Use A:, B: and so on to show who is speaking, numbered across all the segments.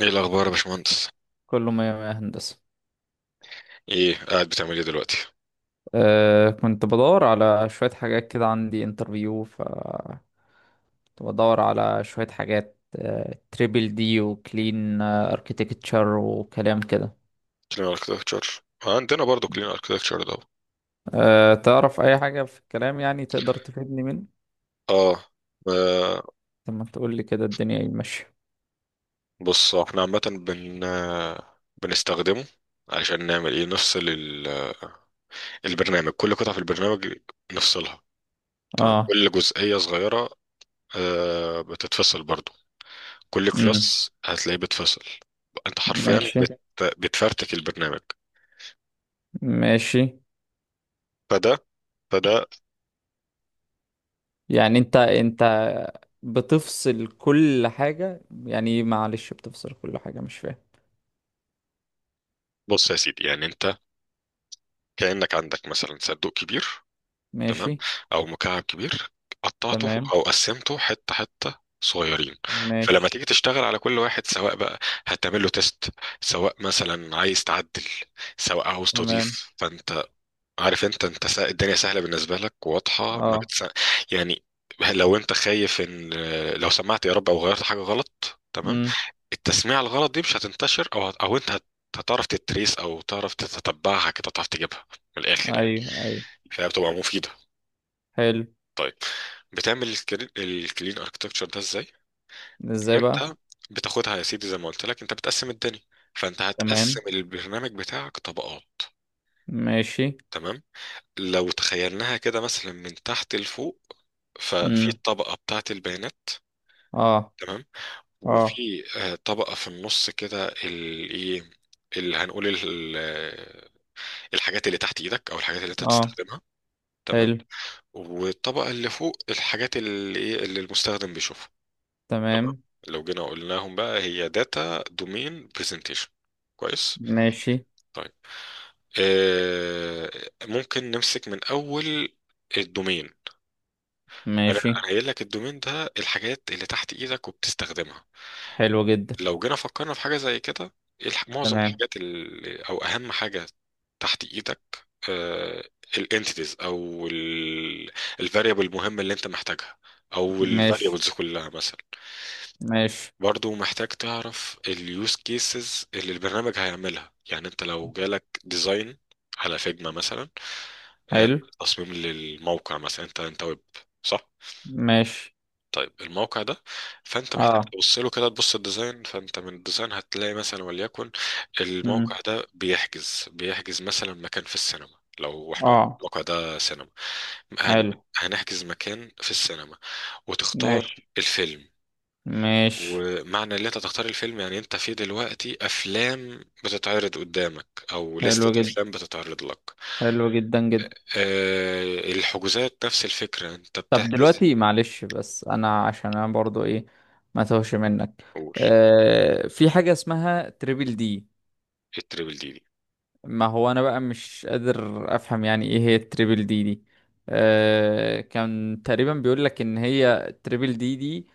A: ايه الاخبار يا باشمهندس؟
B: كله مية مية هندسة.
A: ايه قاعد بتعمل ايه دلوقتي؟
B: كنت بدور على شوية حاجات كده، عندي انترفيو ف كنت بدور على شوية حاجات تريبل دي وكلين اركيتكتشر وكلام كده.
A: كلين اركتكتشر عندنا برضو، كلين اركتكتشر ده.
B: تعرف أي حاجة في الكلام، يعني تقدر تفيدني منه؟
A: اه. آه،
B: طب ما تقول لي كده الدنيا ايه ماشية؟
A: بص، احنا عامه بن آه، بنستخدمه علشان نعمل ايه. نفصل البرنامج، كل قطعه في البرنامج نفصلها، تمام،
B: اه.
A: كل جزئيه صغيره بتتفصل برضو، كل
B: امم.
A: كلاس هتلاقيه بتفصل. انت حرفيا
B: ماشي.
A: بتفرتك البرنامج.
B: ماشي.
A: فده فده.
B: يعني انت بتفصل كل حاجة، يعني إيه، معلش، بتفصل كل حاجة مش فاهم.
A: بص يا سيدي، يعني انت كأنك عندك مثلا صندوق كبير، تمام،
B: ماشي.
A: او مكعب كبير، قطعته
B: تمام.
A: او قسمته حته حته صغيرين. فلما
B: ماشي.
A: تيجي تشتغل على كل واحد، سواء بقى هتعمل له تيست، سواء مثلا عايز تعدل، سواء عاوز
B: تمام.
A: تضيف، فانت عارف. انت الدنيا سهله بالنسبه لك، واضحه، ما
B: اه.
A: بتس... يعني لو انت خايف ان، لو سمعت يا رب او غيرت حاجه غلط، تمام،
B: امم.
A: التسميع الغلط دي مش هتنتشر، او هت... او انت هت... هتعرف تتريس او تعرف تتتبعها كده، تعرف تجيبها من الاخر يعني،
B: ايوه، ايوه.
A: فهي بتبقى مفيده.
B: حلو.
A: بتعمل الكلين اركتكتشر ده ازاي؟
B: ازاي بقى؟
A: انت بتاخدها يا سيدي زي ما قلت لك، انت بتقسم الدنيا، فانت هتقسم
B: تمام.
A: البرنامج بتاعك طبقات،
B: ماشي.
A: تمام. لو تخيلناها كده مثلا من تحت لفوق، ففي
B: امم.
A: الطبقة بتاعة البيانات،
B: اه.
A: تمام،
B: اه.
A: وفي طبقة في النص كده ال- ايه اللي هنقول الحاجات اللي تحت ايدك او الحاجات اللي انت
B: اه.
A: بتستخدمها، تمام،
B: حلو.
A: والطبقة اللي فوق الحاجات اللي ايه، اللي المستخدم بيشوفها. طب
B: تمام.
A: لو جينا قلناهم بقى، هي داتا، دومين، برزنتيشن. كويس.
B: ماشي.
A: طيب آه ممكن نمسك من اول الدومين. انا
B: ماشي.
A: أنا قايل لك الدومين ده الحاجات اللي تحت ايدك وبتستخدمها.
B: حلو جدا.
A: لو جينا فكرنا في حاجه زي كده، إيه معظم
B: تمام.
A: الحاجات او اهم حاجه تحت ايدك؟ الانتيتيز، او الفاريبل المهمه اللي انت محتاجها، او
B: ماشي.
A: الفاريبلز كلها مثلا.
B: ماشي.
A: برضو محتاج تعرف اليوز كيسز اللي البرنامج هيعملها، يعني انت لو جالك ديزاين على فيجما مثلا، آه،
B: حلو.
A: تصميم للموقع مثلا، انت ويب، صح؟
B: ماشي.
A: طيب الموقع ده، فانت محتاج
B: اه.
A: تبص له كده، تبص الديزاين، فانت من الديزاين هتلاقي مثلا، وليكن الموقع
B: امم.
A: ده بيحجز مثلا مكان في السينما. لو احنا قلنا
B: اه.
A: الموقع ده سينما،
B: حلو.
A: هنحجز مكان في السينما، وتختار
B: ماشي.
A: الفيلم.
B: ماشي.
A: ومعنى اللي انت تختار الفيلم، يعني انت في دلوقتي افلام بتتعرض قدامك، او
B: حلو
A: لستة
B: جدا.
A: افلام بتتعرض لك.
B: حلو جدا جدا.
A: أه، الحجوزات نفس الفكرة، انت
B: طب
A: بتحجز.
B: دلوقتي معلش، بس انا عشان انا برضو ايه، ما توهش منك.
A: قول.
B: في حاجة اسمها تريبل دي.
A: ايه التريبل دي دي؟
B: ما هو انا بقى مش قادر افهم يعني ايه هي التريبل دي دي. كان تقريبا بيقول لك ان هي التريبل دي دي.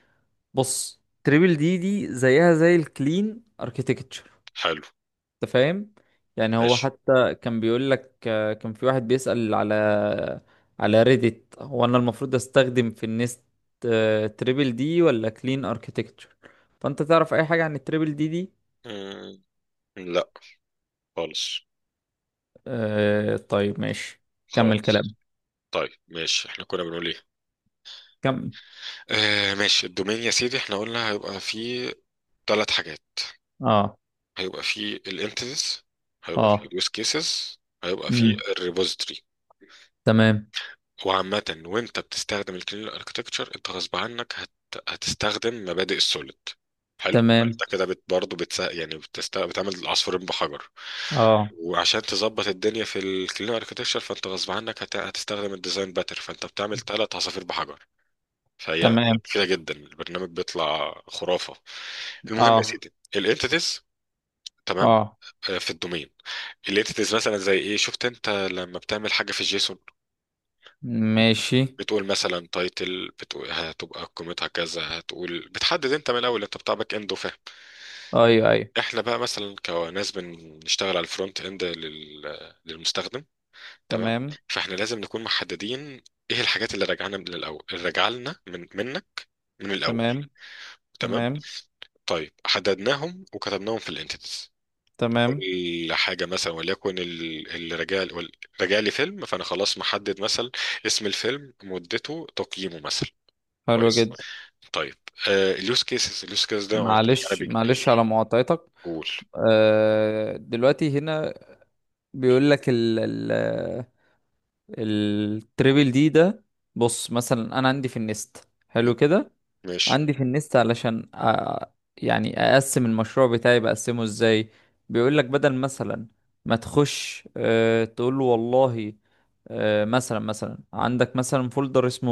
B: بص، تريبل دي دي زيها زي الكلين اركيتكتشر.
A: حلو.
B: انت فاهم؟ يعني هو
A: ماشي.
B: حتى كان بيقول لك، كان في واحد بيسأل على ريديت، هو انا المفروض استخدم في النست تريبل دي ولا كلين اركيتكتشر. فانت تعرف اي حاجة عن التريبل دي دي؟
A: مم، لا، خالص،
B: طيب ماشي. كمل
A: خالص.
B: كلام.
A: طيب ماشي، احنا كنا بنقول ايه؟
B: كمل.
A: ماشي. الدومين يا سيدي احنا قلنا هيبقى فيه ثلاث حاجات،
B: اه.
A: هيبقى فيه الانتيتيز، هيبقى فيه
B: اه.
A: اليوز كيسز، هيبقى فيه
B: امم.
A: الريبوزيتوري.
B: تمام.
A: وعامة وانت بتستخدم الكلين اركتكتشر انت غصب عنك هتستخدم مبادئ السوليد، حلو.
B: تمام.
A: انت كده برضه يعني بتعمل عصفورين بحجر.
B: اه.
A: وعشان تظبط الدنيا في الكلين اركتكتشر فانت غصب عنك هتستخدم الديزاين باتر، فانت بتعمل ثلاث عصافير بحجر. فهي
B: تمام.
A: مفيدة جدا، البرنامج بيطلع خرافة. المهم يا
B: اه.
A: سيدي الانتيتيز، تمام،
B: اه.
A: في الدومين الانتيتيز مثلا زي ايه. شفت انت لما بتعمل حاجة في الجيسون،
B: ماشي.
A: بتقول مثلا تايتل، بتقول هتبقى قيمتها كذا، هتقول، بتحدد انت من الاول. انت بتاع باك اند وفاهم،
B: ايوه، ايوه.
A: احنا بقى مثلا كناس بنشتغل على الفرونت اند للمستخدم، تمام.
B: تمام.
A: فاحنا لازم نكون محددين ايه الحاجات اللي راجعنا من الاول، اللي راجعه لنا، من منا، من الاول،
B: تمام.
A: تمام.
B: تمام.
A: طيب حددناهم وكتبناهم في الانتيتيز،
B: تمام.
A: كل حاجه مثلا وليكن اللي راجع راجع لي فيلم، فانا خلاص محدد مثلا اسم الفيلم، مدته، تقييمه مثلا،
B: حلو
A: كويس.
B: جدا.
A: طيب اليوز كيسز، اليوز كيس ده انا قلت لك انا
B: معلش،
A: بيجي قول.
B: معلش، على مقاطعتك.
A: قول.
B: دلوقتي هنا بيقول لك ال التريبل دي ده. بص، مثلا انا عندي في النست،
A: م-
B: حلو كده،
A: ماشي.
B: عندي في النست علشان يعني اقسم المشروع بتاعي بقسمه ازاي. بيقول لك، بدل مثلا ما تخش تقول له والله، مثلا عندك مثلا فولدر اسمه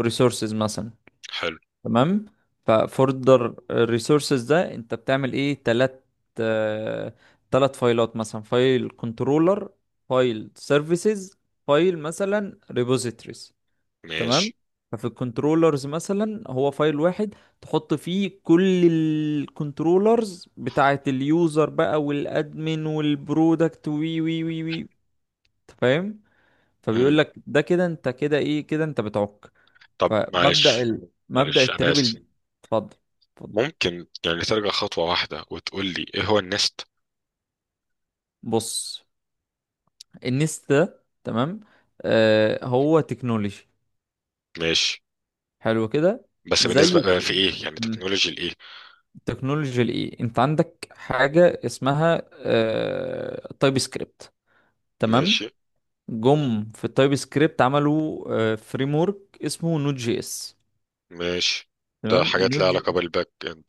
B: ريسورسز مثلا.
A: حلو.
B: تمام. ففولدر الريسورسز ده انت بتعمل ايه؟ تلات، أه تلات فايلات، مثلا فايل كنترولر، فايل سيرفيسز، فايل مثلا ريبوزيتوريز. تمام.
A: ماشي.
B: ففي الكنترولرز مثلا هو فايل واحد تحط فيه كل الكنترولرز بتاعة اليوزر بقى، والادمن والبرودكت، وي وي وي وي، أنت فاهم؟
A: مم.
B: فبيقول لك ده كده انت كده ايه، كده انت بتعك.
A: طب
B: فمبدأ
A: معلش،
B: مبدأ
A: معلش انا اسف.
B: التربل. اتفضل. اتفضل.
A: ممكن يعني ترجع خطوه واحده وتقول لي ايه هو النست؟
B: بص، النست ده تمام، هو تكنولوجي.
A: ماشي.
B: حلو كده.
A: بس
B: زيه
A: بالنسبه في ايه يعني، تكنولوجي الايه؟
B: تكنولوجيا الايه، انت عندك حاجه اسمها تايب سكريبت. تمام.
A: ماشي.
B: جم في التايب سكريبت عملوا فريم ورك اسمه نوت جي اس.
A: ماشي. ده
B: تمام.
A: حاجات لها علاقه بالباك اند.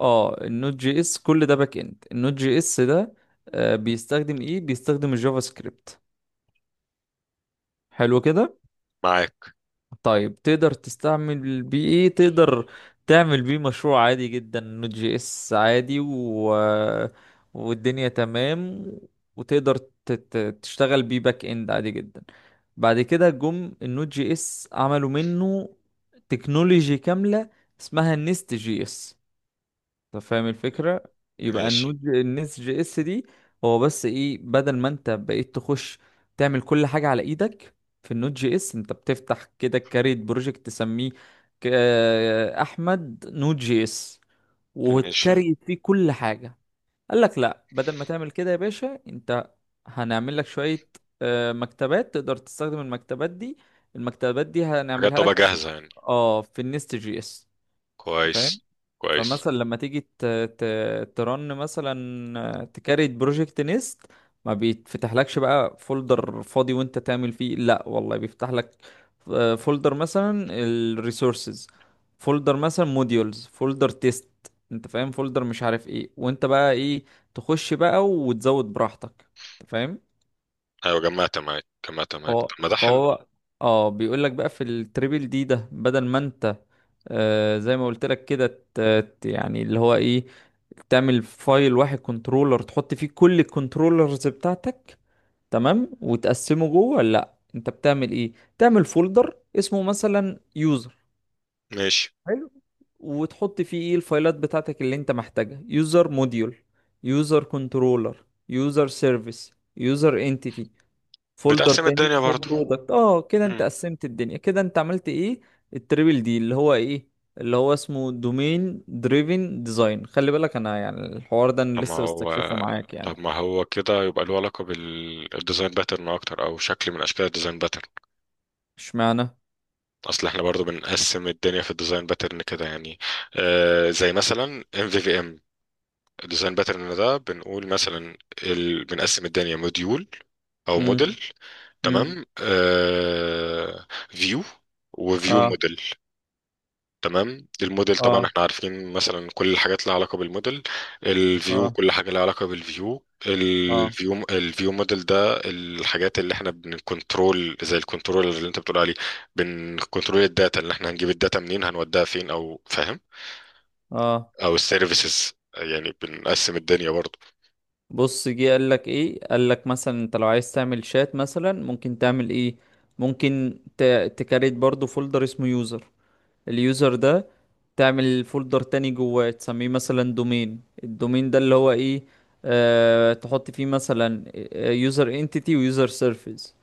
B: النوت جي اس كل ده باك اند، النوت جي اس ده بيستخدم ايه، بيستخدم الجافا سكريبت. حلو كده.
A: معاك.
B: طيب تقدر تستعمل بيه ايه؟ تقدر تعمل بيه مشروع عادي جدا نوت جي اس عادي، والدنيا تمام، وتقدر تشتغل بيه باك اند عادي جدا. بعد كده جم النوت جي اس عملوا منه تكنولوجي كاملة اسمها النست جي اس. طب فاهم الفكرة؟ يبقى
A: ماشي.
B: النس جي اس دي هو بس ايه، بدل ما انت بقيت تخش تعمل كل حاجة على ايدك في النود جي اس، انت بتفتح كده كاريت بروجكت تسميه ك- احمد نود جي اس،
A: ماشي.
B: وتكريت فيه كل حاجة. قال لك، لا، بدل ما تعمل كده يا باشا، انت هنعمل لك شوية مكتبات، تقدر تستخدم المكتبات دي. المكتبات دي
A: حاجات
B: هنعملها
A: تبقى
B: لك في إيه؟
A: جاهزه يعني،
B: اه، في النست جي اس.
A: كويس، كويس.
B: فمثلا لما تيجي ت... ترن مثلا تكريت بروجكت نيست، ما بيتفتحلكش بقى فولدر فاضي وانت تعمل فيه. لا والله، بيفتح لك فولدر مثلا الريسورسز، فولدر مثلا موديولز، فولدر تيست، انت فاهم، فولدر مش عارف ايه، وانت بقى ايه، تخش بقى وتزود براحتك. انت فاهم؟
A: ايوه، جمعت معاك، جمعت معاك،
B: فهو
A: طب ما ده حلو.
B: فهو اه بيقول لك بقى في التريبل دي ده، بدل ما انت، زي ما قلت لك كده، ت- يعني اللي هو ايه، تعمل فايل واحد كنترولر تحط فيه كل الكنترولرز بتاعتك. تمام، وتقسمه جوه؟ لا، انت بتعمل ايه، تعمل فولدر اسمه مثلا يوزر.
A: ماشي.
B: حلو. وتحط فيه ايه الفايلات بتاعتك اللي انت محتاجها، يوزر موديول، يوزر كنترولر، يوزر سيرفيس، يوزر انتيتي. فولدر
A: بتقسم
B: تاني
A: الدنيا
B: اسمه
A: برضه.
B: برودكت. اه كده انت قسمت الدنيا، كده انت عملت ايه، التريبل دي اللي هو ايه، اللي هو اسمه دومين دريفن ديزاين. خلي بالك انا يعني الحوار ده انا
A: طب ما
B: لسه بستكشفه
A: هو
B: معاك يعني.
A: طب ما هو كده يبقى له علاقة بالديزاين باترن أكتر، أو شكل من أشكال الديزاين باترن.
B: اشمعنى؟
A: أصل احنا برضو بنقسم الدنيا في الديزاين باترن كده يعني، زي مثلا MVVM، الديزاين باترن ده بنقول مثلا بنقسم الدنيا موديول أو
B: امم.
A: موديل. مم.
B: امم.
A: تمام. فيو، وفيو
B: اه.
A: موديل، تمام. الموديل طبعا
B: اه.
A: احنا عارفين مثلا كل الحاجات لها علاقة بالموديل. الفيو
B: اه.
A: كل حاجة لها علاقة بالفيو.
B: اه.
A: الفيو الفيو موديل ده الحاجات اللي احنا بنكنترول، زي الكنترول اللي انت بتقول عليه. بنكنترول الداتا، اللي احنا هنجيب الداتا منين، هنوديها فين، او فاهم،
B: اه.
A: او السيرفيسز، يعني بنقسم الدنيا برضو.
B: بص، جه قال لك ايه، قال لك مثلا انت لو عايز تعمل شات مثلا، ممكن تعمل ايه، ممكن تكريت برضو فولدر اسمه يوزر. اليوزر ده تعمل فولدر تاني جواه تسميه مثلا دومين. الدومين ده اللي هو ايه، تحط فيه مثلا يوزر انتيتي ويوزر سيرفيس.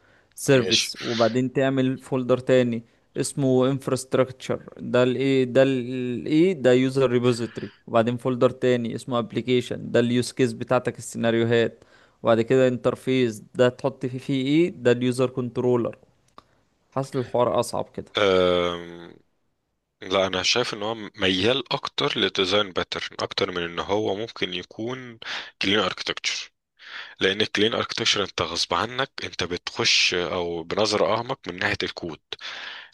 A: ماشي.
B: سيرفيس. وبعدين تعمل فولدر تاني اسمه infrastructure، ده الايه، ده الايه، ده يوزر ريبوزيتوري. وبعدين فولدر تاني اسمه application، ده اليوز كيس بتاعتك، السيناريوهات. وبعد كده انترفيس، ده تحط فيه ايه، ده اليوزر كنترولر. حاسس الحوار اصعب كده.
A: أم... لا، انا شايف ان هو ميال اكتر لديزاين باترن، اكتر من ان هو ممكن يكون كلين اركتكتشر، لان الكلين اركتكشر انت غصب عنك انت بتخش او بنظره اعمق من ناحيه الكود،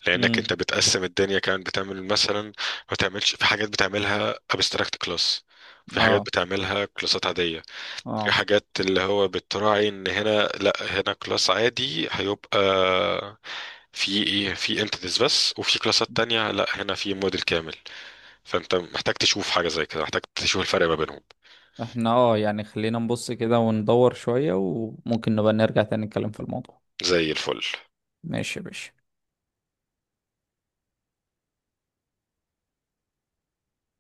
A: لانك
B: امم.
A: انت بتقسم الدنيا كمان، بتعمل مثلا، ما تعملش، في حاجات بتعملها ابستراكت كلاس، في حاجات
B: اه.
A: بتعملها كلاسات عاديه، في
B: اه.
A: حاجات اللي هو بتراعي ان هنا لا، هنا كلاس عادي هيبقى في ايه، في انتيتيز بس، وفي كلاسات تانية لا، هنا في موديل كامل. فانت محتاج تشوف حاجه زي كده، محتاج تشوف الفرق ما بينهم،
B: احنا اه يعني خلينا نبص كده وندور شوية، وممكن نبقى نرجع تاني نتكلم في الموضوع.
A: زي الفل
B: ماشي يا باشا.